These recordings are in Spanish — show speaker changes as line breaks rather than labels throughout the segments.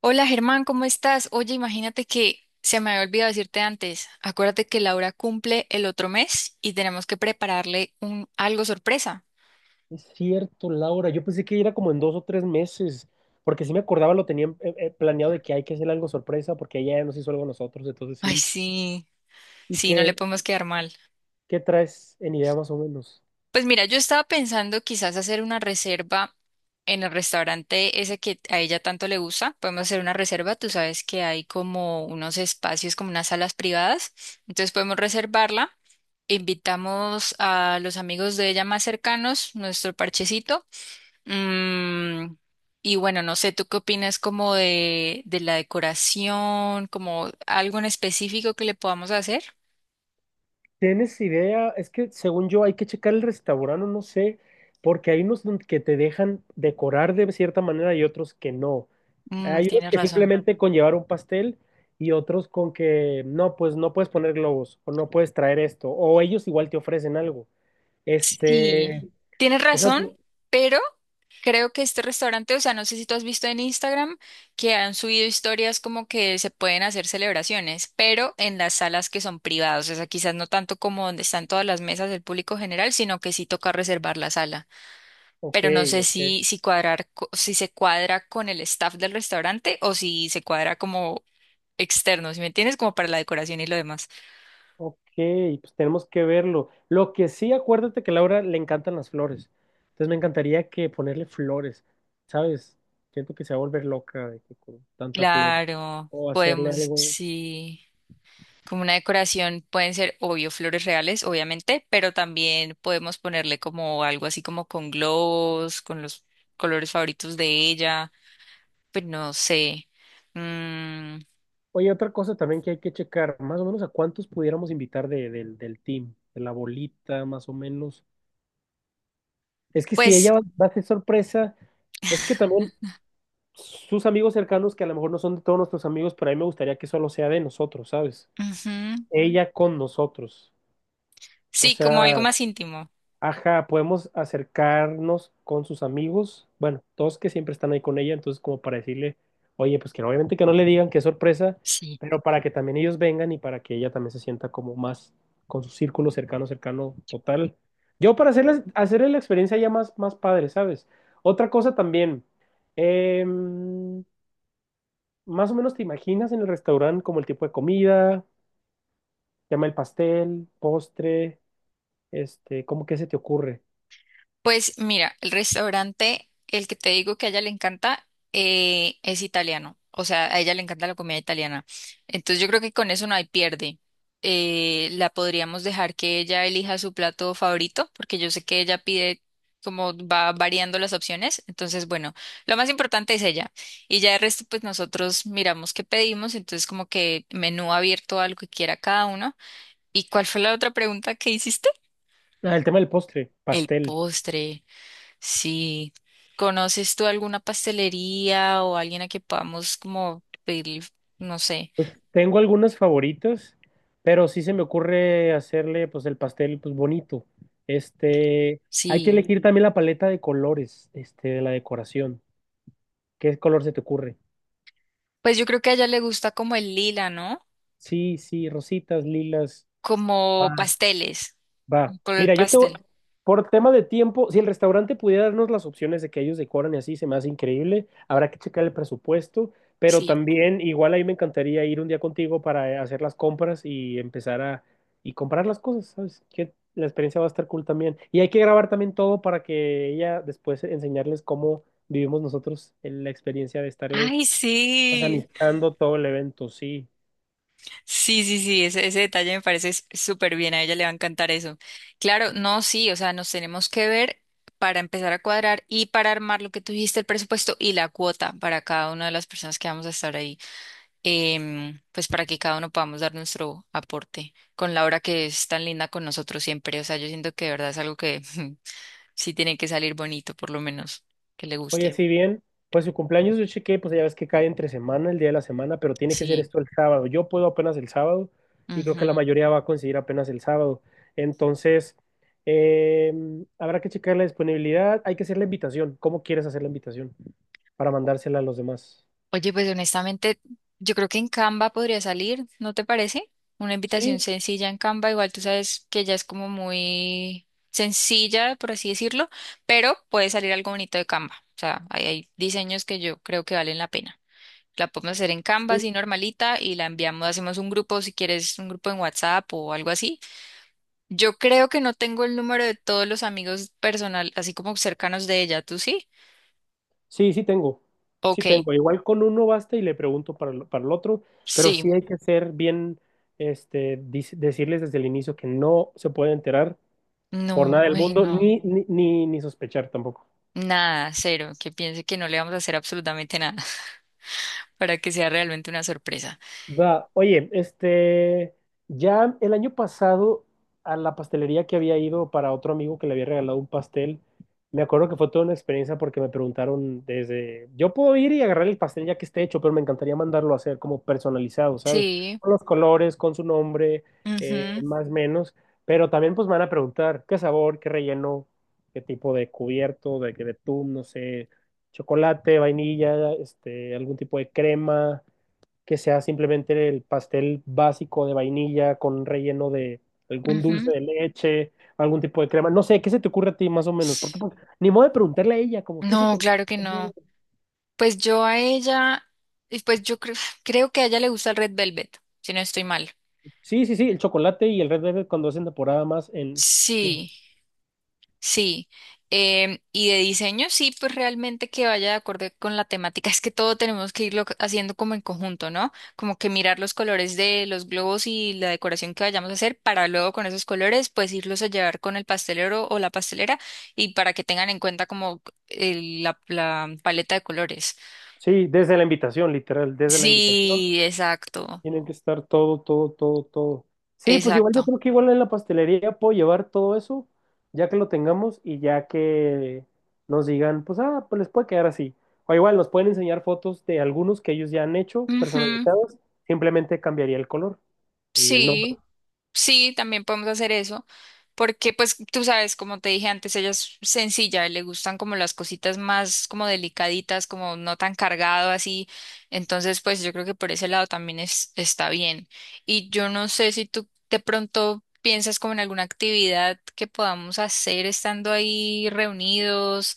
Hola Germán, ¿cómo estás? Oye, imagínate que se me había olvidado decirte antes. Acuérdate que Laura cumple el otro mes y tenemos que prepararle un algo sorpresa.
Es cierto, Laura. Yo pensé que era como en dos o tres meses, porque sí me acordaba, lo tenían planeado de que hay que hacer algo sorpresa, porque ella ya nos hizo algo a nosotros, entonces
Ay,
sí.
sí,
¿Y
sí, no le
qué,
podemos quedar mal.
qué traes en idea más o menos?
Pues mira, yo estaba pensando quizás hacer una reserva en el restaurante ese que a ella tanto le gusta. Podemos hacer una reserva, tú sabes que hay como unos espacios, como unas salas privadas. Entonces podemos reservarla. Invitamos a los amigos de ella más cercanos, nuestro parchecito. Mm, y bueno, no sé, ¿tú qué opinas como de la decoración, como algo en específico que le podamos hacer?
¿Tienes idea? Es que según yo hay que checar el restaurante, no sé, porque hay unos que te dejan decorar de cierta manera y otros que no.
Mm,
Hay unos
tienes
que
razón.
simplemente con llevar un pastel y otros con que no, pues no puedes poner globos o no puedes traer esto, o ellos igual te ofrecen algo.
Sí,
Este.
tienes
Por
razón,
ejemplo,
pero creo que este restaurante, o sea, no sé si tú has visto en Instagram que han subido historias como que se pueden hacer celebraciones, pero en las salas que son privadas, o sea, quizás no tanto como donde están todas las mesas del público general, sino que sí toca reservar la sala.
ok,
Pero no sé
ok,
si cuadrar, si se cuadra con el staff del restaurante o si se cuadra como externo, ¿si me entiendes? Como para la decoración y lo demás.
ok, pues tenemos que verlo. Lo que sí, acuérdate que a Laura le encantan las flores. Entonces me encantaría que ponerle flores, ¿sabes? Siento que se va a volver loca de que con tanta flor.
Claro,
O hacerle
podemos,
algo.
sí, como una decoración pueden ser, obvio, flores reales, obviamente, pero también podemos ponerle como algo así como con globos, con los colores favoritos de ella, pues no sé. Mm,
Oye, otra cosa también que hay que checar, más o menos a cuántos pudiéramos invitar del team, de la bolita, más o menos. Es que si
pues,
ella va a hacer sorpresa, es que también sus amigos cercanos, que a lo mejor no son de todos nuestros amigos, pero a mí me gustaría que solo sea de nosotros, ¿sabes?
ujú,
Ella con nosotros. O
sí, como algo
sea,
más íntimo.
ajá, podemos acercarnos con sus amigos, bueno, todos que siempre están ahí con ella, entonces como para decirle, oye, pues que obviamente que no le digan qué sorpresa,
Sí.
pero para que también ellos vengan y para que ella también se sienta como más con su círculo cercano, cercano, total. Yo para hacerle la experiencia ya más, más padre, ¿sabes? Otra cosa también, em, más o menos te imaginas en el restaurante como el tipo de comida, llama el pastel, postre. ¿Cómo que se te ocurre?
Pues mira, el restaurante, el que te digo que a ella le encanta, es italiano. O sea, a ella le encanta la comida italiana. Entonces yo creo que con eso no hay pierde. La podríamos dejar que ella elija su plato favorito, porque yo sé que ella pide como va variando las opciones. Entonces, bueno, lo más importante es ella. Y ya el resto, pues nosotros miramos qué pedimos. Entonces, como que menú abierto a lo que quiera cada uno. ¿Y cuál fue la otra pregunta que hiciste?
Ah, el tema del postre,
El
pastel.
postre. Sí. ¿Conoces tú alguna pastelería o alguien a que podamos como pedir, no sé?
Tengo algunos favoritos, pero sí se me ocurre hacerle pues el pastel pues bonito. Este, Hay que
Sí.
elegir también la paleta de colores, de la decoración. ¿Qué color se te ocurre?
Pues yo creo que a ella le gusta como el lila, ¿no?
Sí, sí, rositas, lilas.
Como
Va.
pasteles,
Va.
un color
Mira,
pastel.
por tema de tiempo, si el restaurante pudiera darnos las opciones de que ellos decoran y así, se me hace increíble. Habrá que checar el presupuesto, pero
Sí.
también igual ahí me encantaría ir un día contigo para hacer las compras y empezar a y comprar las cosas, ¿sabes? Que la experiencia va a estar cool también. Y hay que grabar también todo para que ella después enseñarles cómo vivimos nosotros en la experiencia de estarle
Ay, sí.
organizando todo el evento, sí.
Sí, sí, sí, ese detalle me parece súper bien, a ella le va a encantar eso. Claro, no, sí, o sea, nos tenemos que ver para empezar a cuadrar y para armar lo que tuviste, el presupuesto y la cuota para cada una de las personas que vamos a estar ahí. Pues para que cada uno podamos dar nuestro aporte con Laura, que es tan linda con nosotros siempre. O sea, yo siento que de verdad es algo que sí tiene que salir bonito, por lo menos que le
Oye,
guste.
si bien, pues su cumpleaños yo chequé, pues ya ves que cae entre semana, el día de la semana, pero tiene que ser
Sí.
esto el sábado. Yo puedo apenas el sábado y creo que la
Ujú.
mayoría va a conseguir apenas el sábado. Entonces, eh, habrá que checar la disponibilidad. Hay que hacer la invitación. ¿Cómo quieres hacer la invitación? Para mandársela a los demás.
Oye, pues honestamente, yo creo que en Canva podría salir, ¿no te parece? Una invitación
Sí,
sencilla en Canva, igual tú sabes que ella es como muy sencilla, por así decirlo, pero puede salir algo bonito de Canva. O sea, ahí hay diseños que yo creo que valen la pena. La podemos hacer en Canva,
sí,
así normalita, y la enviamos, hacemos un grupo, si quieres, un grupo en WhatsApp o algo así. Yo creo que no tengo el número de todos los amigos personal, así como cercanos de ella, ¿tú sí?
sí, sí tengo. Sí
Ok,
tengo. Igual con uno basta y le pregunto para el otro, pero sí
sí.
hay que ser bien, decirles desde el inicio que no se puede enterar por
No,
nada del
ay,
mundo,
no.
ni sospechar tampoco.
Nada, cero, que piense que no le vamos a hacer absolutamente nada para que sea realmente una sorpresa.
Va, oye, ya el año pasado a la pastelería que había ido para otro amigo que le había regalado un pastel, me acuerdo que fue toda una experiencia porque me preguntaron desde, yo puedo ir y agarrar el pastel ya que esté hecho, pero me encantaría mandarlo a hacer como personalizado, ¿sabes?
Sí.
Con los colores, con su nombre,
Mhm.
más o menos, pero también pues me van a preguntar qué sabor, qué relleno, qué tipo de cubierto, de que betún, no sé, chocolate, vainilla, algún tipo de crema que sea simplemente el pastel básico de vainilla con relleno de algún dulce
Mhm.
de leche, algún tipo de crema. No sé, ¿qué se te ocurre a ti más o menos? Porque pues, ni modo de preguntarle a ella, como, ¿qué se
No,
te antoja
claro que
comer?
no. Pues yo a ella, y pues yo creo, creo que a ella le gusta el Red Velvet, si no estoy mal.
Sí, sí, sí, el chocolate y el Red Velvet cuando hacen temporada más en...
Sí. Sí, y de diseño sí, pues realmente que vaya de acuerdo con la temática. Es que todo tenemos que irlo haciendo como en conjunto, ¿no? Como que mirar los colores de los globos y la decoración que vayamos a hacer para luego con esos colores pues irlos a llevar con el pastelero o la pastelera y para que tengan en cuenta como la paleta de colores.
Sí, desde la invitación, literal, desde la invitación.
Sí, exacto,
Tienen que estar todo, todo, todo, todo. Sí, pues igual yo
exacto.
creo que igual en la pastelería puedo llevar todo eso, ya que lo tengamos y ya que nos digan, pues pues les puede quedar así. O igual nos pueden enseñar fotos de algunos que ellos ya han hecho
Ujú.
personalizados, simplemente cambiaría el color y el nombre.
Sí. Sí, también podemos hacer eso, porque pues tú sabes, como te dije antes, ella es sencilla, le gustan como las cositas más como delicaditas, como no tan cargado así, entonces pues yo creo que por ese lado también es, está bien. Y yo no sé si tú de pronto piensas como en alguna actividad que podamos hacer estando ahí reunidos,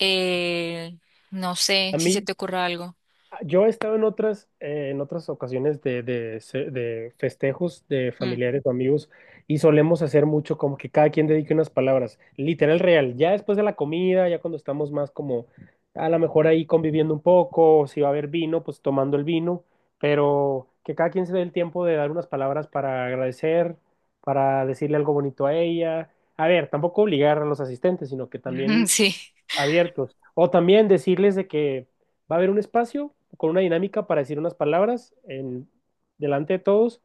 eh, no sé
A
si se
mí,
te ocurre algo.
Yo he estado en otras ocasiones de festejos de
Mm.
familiares o amigos y solemos hacer mucho como que cada quien dedique unas palabras, literal real, ya después de la comida, ya cuando estamos más como a lo mejor ahí conviviendo un poco, o si va a haber vino, pues tomando el vino, pero que cada quien se dé el tiempo de dar unas palabras para agradecer, para decirle algo bonito a ella. A ver, tampoco obligar a los asistentes, sino que también
Sí,
abiertos. O también decirles de que va a haber un espacio con una dinámica para decir unas palabras delante de todos,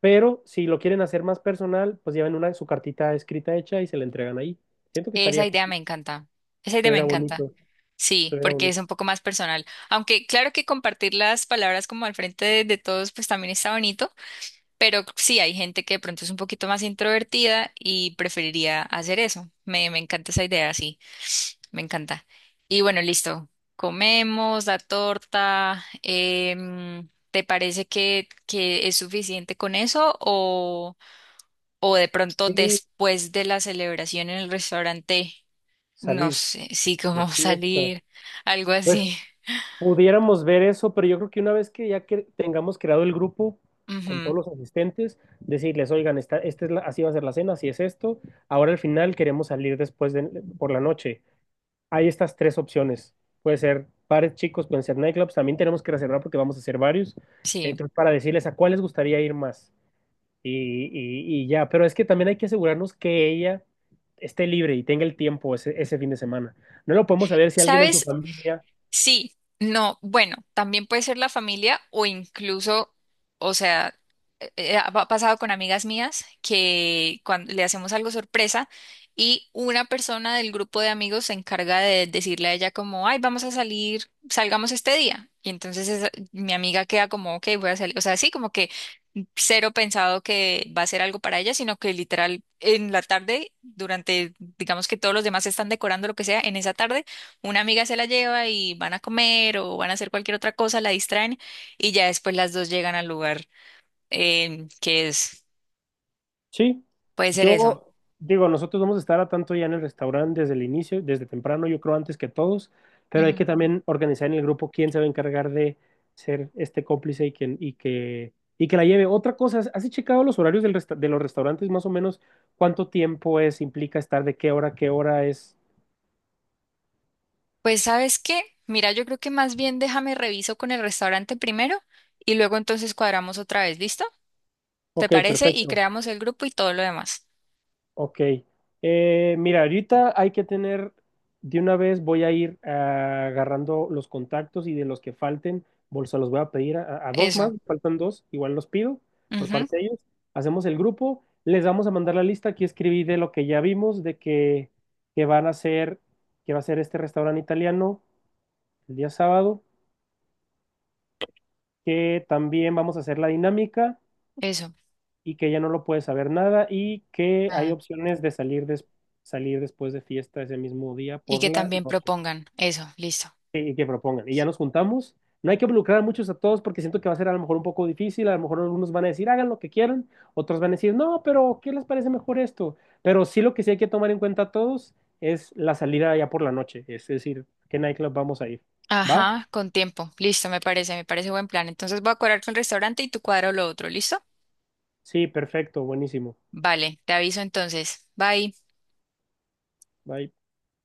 pero si lo quieren hacer más personal, pues llevan su cartita escrita hecha y se la entregan ahí. Siento que
esa idea me encanta, esa idea me
estuviera
encanta.
bonito,
Sí,
estuviera
porque es
bonito.
un poco más personal. Aunque claro que compartir las palabras como al frente de todos, pues también está bonito, pero sí hay gente que de pronto es un poquito más introvertida y preferiría hacer eso. Me encanta esa idea, sí, me encanta. Y bueno, listo. Comemos la torta. ¿Te parece que es suficiente con eso o de pronto
Y
después de la celebración en el restaurante? No
salir
sé, sí,
de
cómo
fiesta.
salir, algo
Pues
así.
pudiéramos ver eso, pero yo creo que una vez que ya que tengamos creado el grupo con
Ujú,
todos los asistentes, decirles, oigan, así va a ser la cena, así es esto, ahora al final queremos salir después por la noche, hay estas tres opciones. Puede ser bares chicos, pueden ser nightclubs. También tenemos que reservar porque vamos a hacer varios.
sí.
Entonces, para decirles a cuál les gustaría ir más. Y ya, pero es que también hay que asegurarnos que ella esté libre y tenga el tiempo ese fin de semana. No lo podemos saber si alguien en su
¿Sabes?
familia.
Sí, no, bueno, también puede ser la familia o incluso, o sea, ha pasado con amigas mías que cuando le hacemos algo sorpresa y una persona del grupo de amigos se encarga de decirle a ella como, ay, vamos a salir, salgamos este día. Y entonces mi amiga queda como, ok, voy a salir. O sea, sí, como que cero pensado que va a ser algo para ella, sino que literal en la tarde, durante, digamos que todos los demás están decorando lo que sea, en esa tarde. Una amiga se la lleva y van a comer o van a hacer cualquier otra cosa, la distraen y ya después las dos llegan al lugar que es,
Sí,
puede ser eso.
yo digo, nosotros vamos a estar a tanto ya en el restaurante desde el inicio, desde temprano, yo creo antes que todos, pero hay que
Ujú.
también organizar en el grupo quién se va a encargar de ser este cómplice y que la lleve. Otra cosa, ¿has checado los horarios de los restaurantes más o menos cuánto tiempo es, implica estar de qué hora a qué hora es?
Pues ¿sabes qué? Mira, yo creo que más bien déjame reviso con el restaurante primero y luego entonces cuadramos otra vez, ¿listo? ¿Te
Ok,
parece? Y
perfecto.
creamos el grupo y todo lo demás.
Ok. Mira, ahorita hay que tener, de una vez voy a ir agarrando los contactos y de los que falten, se los voy a pedir a dos
Eso.
más, faltan dos, igual los pido por
Ujú.
parte de ellos. Hacemos el grupo, les vamos a mandar la lista, aquí escribí de lo que ya vimos, de que van a hacer, que va a ser este restaurante italiano el día sábado, que también vamos a hacer la dinámica.
Eso.
Y que ya no lo puede saber nada y que hay
Ah,
opciones de salir, salir después de fiesta ese mismo día
y
por
que
la
también
noche
propongan. Eso, listo.
y que propongan. Y ya nos juntamos. No hay que involucrar a todos porque siento que va a ser a lo mejor un poco difícil. A lo mejor algunos van a decir hagan lo que quieran, otros van a decir no, pero ¿qué les parece mejor esto? Pero sí lo que sí hay que tomar en cuenta a todos es la salida ya por la noche, es decir, ¿qué nightclub vamos a ir? ¿Va?
Ajá, con tiempo. Listo, me parece buen plan. Entonces voy a cuadrar con el restaurante y tú cuadro lo otro, ¿listo?
Sí, perfecto, buenísimo.
Vale, te aviso entonces. Bye.
Bye.